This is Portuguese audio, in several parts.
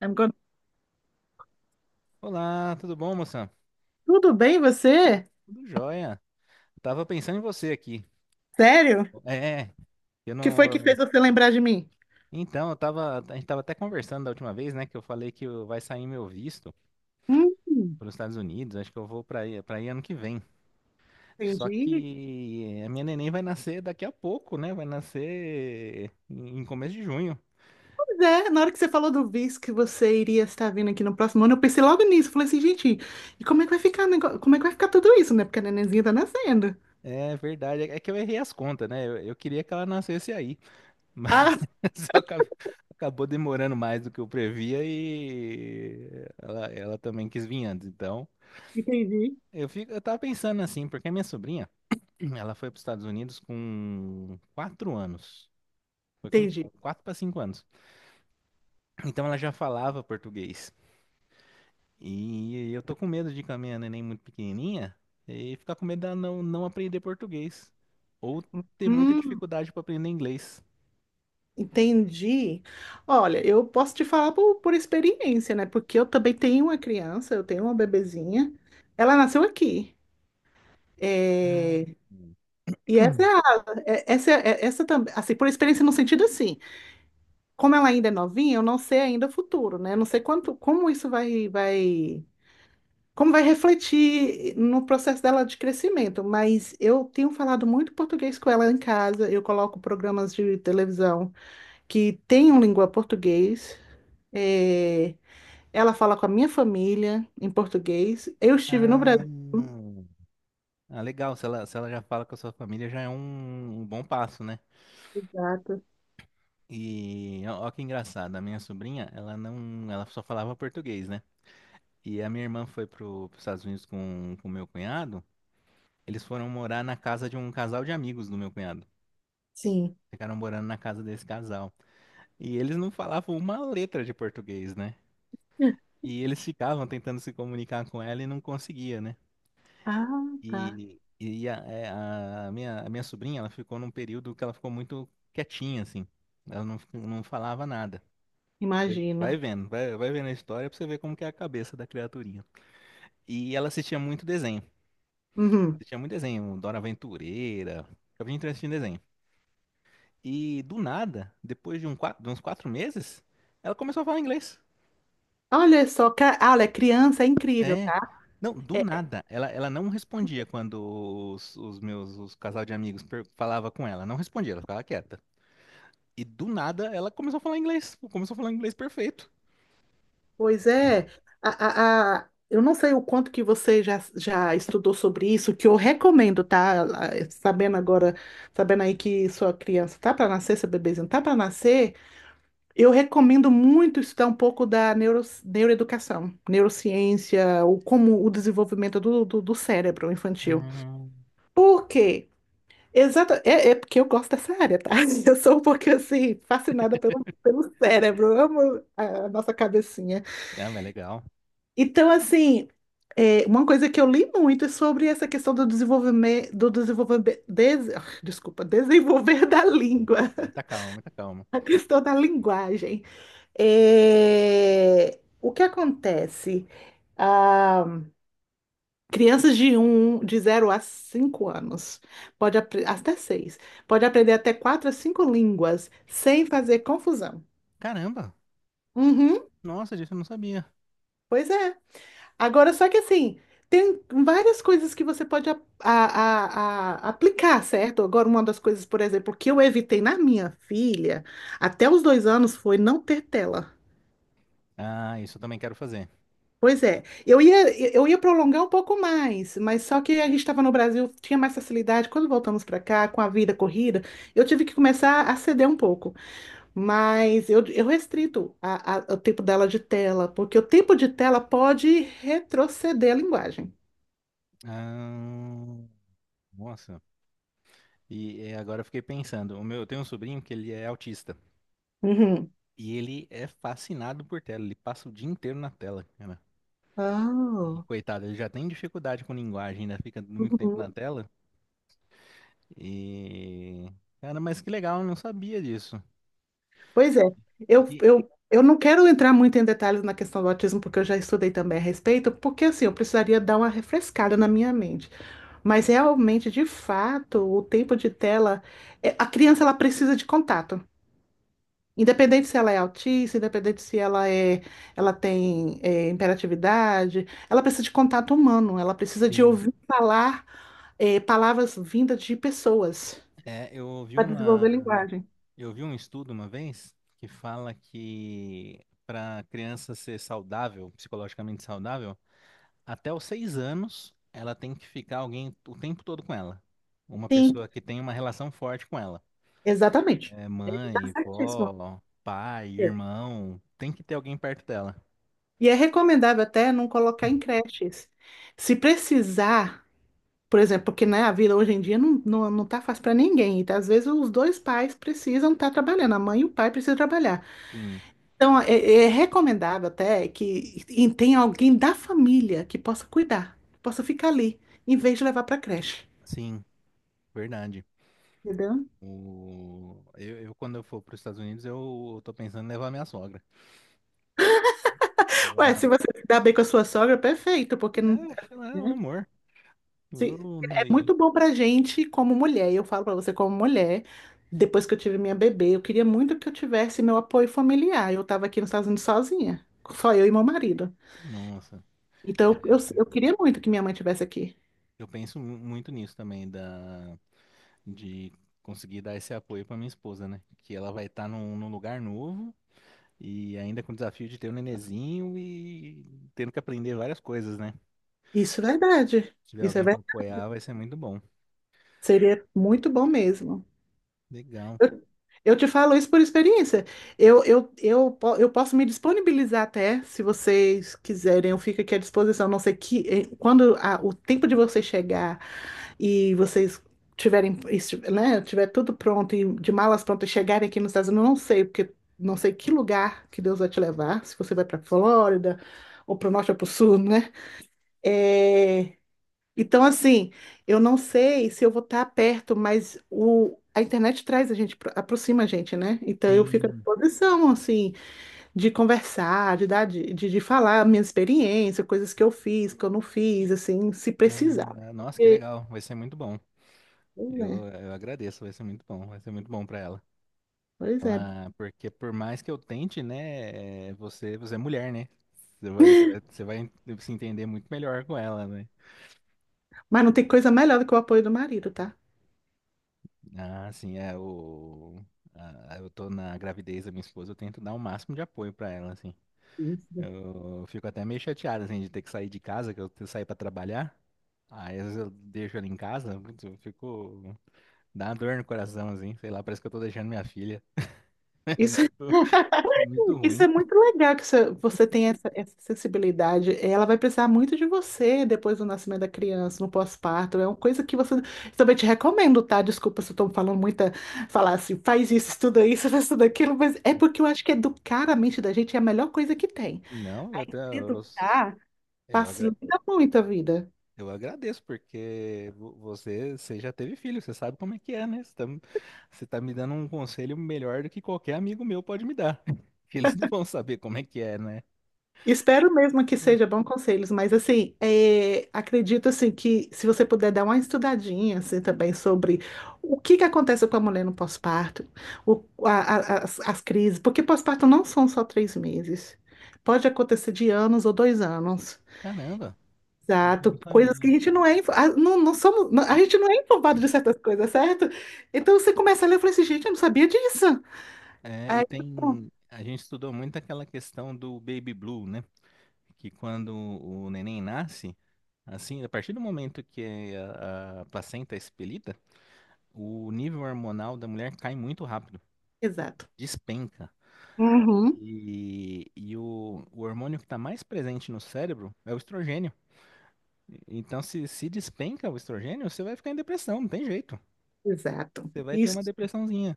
I'm gonna- Olá, tudo bom, moça? Tudo bem, você? Tudo jóia. Eu tava pensando em você aqui. Sério? O É, eu que foi que fez não. você lembrar de mim? Então, eu tava. A gente tava até conversando da última vez, né? Que eu falei que eu- Vai sair meu visto Hum, para os Estados Unidos. Acho que eu vou para aí ano que vem. Só entendi. que a minha neném vai nascer daqui a pouco, né? Vai nascer em começo de junho. Pois é, na hora que você falou do visto que você iria estar vindo aqui no próximo ano, eu pensei logo nisso. Falei assim, gente, e como é que vai ficar, como é que vai ficar tudo isso, né? Porque a nenenzinha tá nascendo. É verdade. É que eu errei as contas, né? Eu queria que ela nascesse aí. Ah, Só acab- Acabou demorando mais do que eu previa e ela também quis vir antes. Então, entendi. Eu tava pensando assim, porque a minha sobrinha, ela foi para os Estados Unidos com quatro anos. Foi com Entendi. quatro para cinco anos. Então ela já falava português. E eu tô com medo de ir com a minha neném muito pequenininha e ficar com medo dela não aprender português. Ou ter muita Hum, dificuldade para aprender inglês. entendi. Olha, eu posso te falar por experiência, né? Porque eu também tenho uma criança, eu tenho uma bebezinha. Ela nasceu aqui. É. Ah, E essa é É. Essa também, assim, por experiência no sentido assim, como ela ainda é novinha, eu não sei ainda o futuro, né? Eu não sei quanto, como isso vai, como vai refletir no processo dela de crescimento, mas eu tenho falado muito português com ela em casa, eu coloco programas de televisão que tenham língua português, é, ela fala com a minha família em português, eu estive no ah. Brasil, Ah, legal, se ela já fala com a sua família, já é um bom passo, né? exato, E ó, ó que engraçado, a minha sobrinha, ela não, ela só falava português, né? E a minha irmã foi para os Estados Unidos com o meu cunhado, eles foram morar na casa de um casal de amigos do meu cunhado. sim. Ficaram morando na casa desse casal. E eles não falavam uma letra de português, né? E eles ficavam tentando se comunicar com ela e não conseguia, né? Ah, tá, E, e a, é, a minha sobrinha, ela ficou num período que ela ficou muito quietinha, assim. Ela não, fi- Não falava nada. Vai imagino. vendo, vai vendo a história pra você ver como que é a cabeça da criaturinha. E ela assistia muito desenho. Uhum. Assistia muito desenho, Dora Aventureira. Eu vim assistindo desenho. E do nada, depois de, de uns quatro meses, ela começou a falar inglês. Olha só, olha, criança é incrível. É. Não, do É, é, nada. Ela não respondia quando os casal de amigos falava com ela. Não respondia, ela ficava quieta. E do nada ela começou a falar inglês. Começou a falar inglês perfeito. pois é, eu não sei o quanto que você já estudou sobre isso, que eu recomendo, tá? Ah, sabendo aí que sua criança tá para nascer, seu bebezinho tá para nascer, eu recomendo muito estudar um pouco da neuroeducação, neurociência, como o desenvolvimento do cérebro infantil. Ah, Por quê? Exato, é porque eu gosto dessa área, tá? Eu sou um pouquinho assim, fascinada pelo cérebro, eu amo a nossa cabecinha. é mas legal. Então, assim, uma coisa que eu li muito é sobre essa questão do desenvolvimento, desculpa, desenvolver da língua, Muita calma, muita calma. a questão da linguagem. É, o que acontece? Ah, crianças de 0 a 5 anos, pode até 6, pode aprender até 4 a 5 línguas sem fazer confusão. Caramba! Uhum, Nossa, disso eu não sabia. pois é. Agora, só que assim, tem várias coisas que você pode aplicar, certo? Agora, uma das coisas, por exemplo, que eu evitei na minha filha até os 2 anos foi não ter tela. Ah, isso eu também quero fazer. Pois é, eu ia prolongar um pouco mais, mas só que a gente estava no Brasil, tinha mais facilidade. Quando voltamos para cá, com a vida corrida, eu tive que começar a ceder um pouco. Mas eu restrito o tempo dela de tela, porque o tempo de tela pode retroceder a linguagem. Ah, nossa. E é, agora eu fiquei pensando. Eu tenho um sobrinho que ele é autista. Uhum. E ele é fascinado por tela. Ele passa o dia inteiro na tela, cara. E, Ah, coitado, ele já tem dificuldade com linguagem, ainda fica muito tempo uhum. na tela. E. Cara, mas que legal, eu não sabia disso. Pois é, eu, E, eu, eu não quero entrar muito em detalhes na questão do autismo, porque eu já estudei também a respeito, porque assim, eu precisaria dar uma refrescada na minha mente. Mas realmente, de fato, o tempo de tela, a criança ela precisa de contato. Independente se ela é autista, independente se ela tem é, hiperatividade, ela precisa de contato humano, ela precisa de sim. ouvir falar palavras vindas de pessoas É, eu ouvi para desenvolver uma, linguagem. eu vi um estudo uma vez que fala que para a criança ser saudável, psicologicamente saudável, até os 6 anos ela tem que ficar alguém o tempo todo com ela. Uma Sim, pessoa que tem uma relação forte com ela. exatamente. É Tá mãe, certíssimo. vó, pai, É. irmão, tem que ter alguém perto dela. E é recomendável até não colocar em creches. Se precisar. Por exemplo, porque né, a vida hoje em dia não tá fácil para ninguém. Então, às vezes os dois pais precisam estar trabalhando, a mãe e o pai precisam trabalhar. Sim, Então, é recomendável até que e tenha alguém da família que possa cuidar, que possa ficar ali, em vez de levar para creche. sim, verdade. Entendeu? Quando eu for para os Estados Unidos, eu tô pensando em levar minha sogra. Ué, Ela, se você se dá bem com a sua sogra, perfeito, porque né, não, acho que ela é um né? amor. Sim, Eu não- é e- muito bom pra gente como mulher, e eu falo pra você como mulher, depois que eu tive minha bebê, eu queria muito que eu tivesse meu apoio familiar. Eu tava aqui nos Estados Unidos sozinha, só eu e meu marido. Nossa, é, Então eu queria muito que minha mãe tivesse aqui. eu muito nisso também, da, de conseguir dar esse apoio pra minha esposa, né? Que ela vai estar num lugar novo e ainda com o desafio de ter um nenenzinho e tendo que aprender várias coisas, né? Isso é verdade. Se tiver Isso é alguém pra verdade. apoiar, vai ser muito bom. Seria muito bom mesmo. Legal. Eu eu te falo isso por experiência. Eu posso me disponibilizar até, se vocês quiserem, eu fico aqui à disposição. Não sei que quando o tempo de vocês chegar e vocês tiverem, né, tiver tudo pronto e de malas prontas chegarem aqui nos Estados Unidos, eu não sei, porque não sei que lugar que Deus vai te levar, se você vai para Flórida ou para o norte ou para o sul, né? É, então, assim, eu não sei se eu vou estar perto, mas a internet traz a gente, aproxima a gente, né? Então, eu fico à Sim. disposição, assim, de conversar, de dar, de falar a minha experiência, coisas que eu fiz, que eu não fiz, assim, se precisar, né? Ah, nossa, que Porque, legal. Vai ser muito bom. pois Eu, é, eu agradeço, vai ser muito bom. Vai ser muito bom pra ela. pois é. Porque por mais que eu tente, né, é, você é mulher, né? Você vai, você vai Você vai se entender muito melhor com ela, né? Mas não tem coisa melhor do que o apoio do marido, tá? Ah, sim, eu tô na gravidez da minha esposa, eu tento dar o máximo de apoio pra ela, assim. Isso. Eu fico até meio chateado, assim, de ter que sair de casa, que eu tenho que sair pra trabalhar. Aí às vezes eu deixo ela em casa, putz, eu fico, dá uma dor no coração, assim, sei lá, parece que eu tô deixando minha filha. É Isso muito, muito Isso ruim. é muito legal que você tem essa sensibilidade. Ela vai precisar muito de você depois do nascimento da criança, no pós-parto. É uma coisa que você também te recomendo, tá? Desculpa se eu tô falando muita, falar assim, faz isso, estuda isso, faz tudo aquilo, mas é porque eu acho que educar a mente da gente é a melhor coisa que tem. Não, eu, Aí, te- se educar eu, agra- facilita muito a vida. Eu agradeço, porque você, você já teve filho, você sabe como é que é, né? Você tá me dando um conselho melhor do que qualquer amigo meu pode me dar. Que eles não vão saber como é que é, né? Espero mesmo que seja bom conselhos, mas assim, acredito assim que se você puder dar uma estudadinha assim, também sobre o que que acontece com a mulher no pós-parto, as crises, porque pós-parto não são só 3 meses, pode acontecer de anos ou 2 anos, Caramba, eu não exato, coisas que a sabia. gente não é informado de certas coisas, certo? Então você começa a ler e fala assim, gente, eu não sabia disso. É, e Aí, bom, tem. A gente estudou muito aquela questão do baby blue, né? Que quando o neném nasce, assim, a partir do momento que a placenta é expelida, o nível hormonal da mulher cai muito rápido, exato. despenca. Uhum. E, o hormônio que está mais presente no cérebro é o estrogênio. Então, se despenca o estrogênio, você vai ficar em depressão, não tem jeito. Exato. Você vai ter uma Isso. depressãozinha.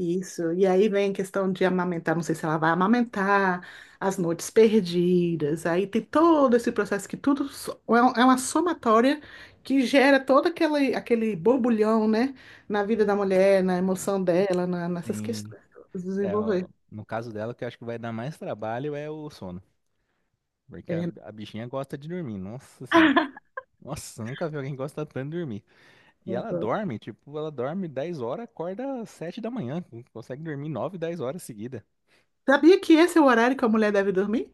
Isso, e aí vem a questão de amamentar, não sei se ela vai amamentar, as noites perdidas, aí tem todo esse processo que é uma somatória que gera todo aquele borbulhão, né, na vida da mulher, na emoção dela, nessas Sim. questões, todas, É, desenvolver. ó, no caso dela, o que eu acho que vai dar mais trabalho é o sono. Porque É, a bichinha gosta de dormir. Nossa senhora. Nossa, eu nunca vi alguém gostar tanto de dormir. E não ela dá. dorme, tipo, ela dorme 10 horas, acorda às 7 da manhã. Consegue dormir 9, 10 horas seguida. Sabia que esse é o horário que a mulher deve dormir?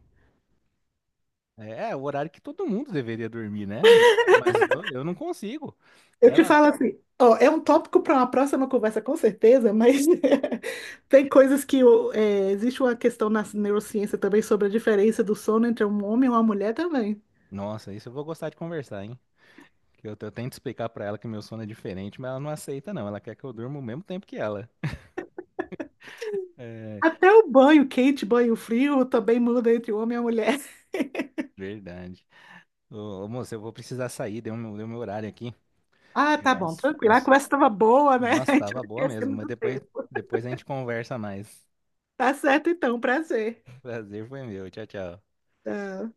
É, é o horário que todo mundo deveria dormir, né? Mas eu não consigo. Eu te Ela, falo assim, ó, é um tópico para uma próxima conversa, com certeza, mas tem coisas que existe uma questão na neurociência também sobre a diferença do sono entre um homem e uma mulher também. nossa, isso eu vou gostar de conversar, hein? Que eu tento explicar pra ela que meu sono é diferente, mas ela não aceita, não. Ela quer que eu durma o mesmo tempo que ela. É, Até o banho quente, banho frio também muda entre o homem e a mulher. verdade. Ô, moço, eu vou precisar sair, deu meu horário aqui. Ah, tá bom, Mas, tranquilo. A mas, conversa estava boa, né? nossa, A gente tava vai boa mesmo. esquecendo do tempo. Depois a gente conversa mais. Tá certo então, prazer. Prazer foi meu. Tchau, tchau. Tchau.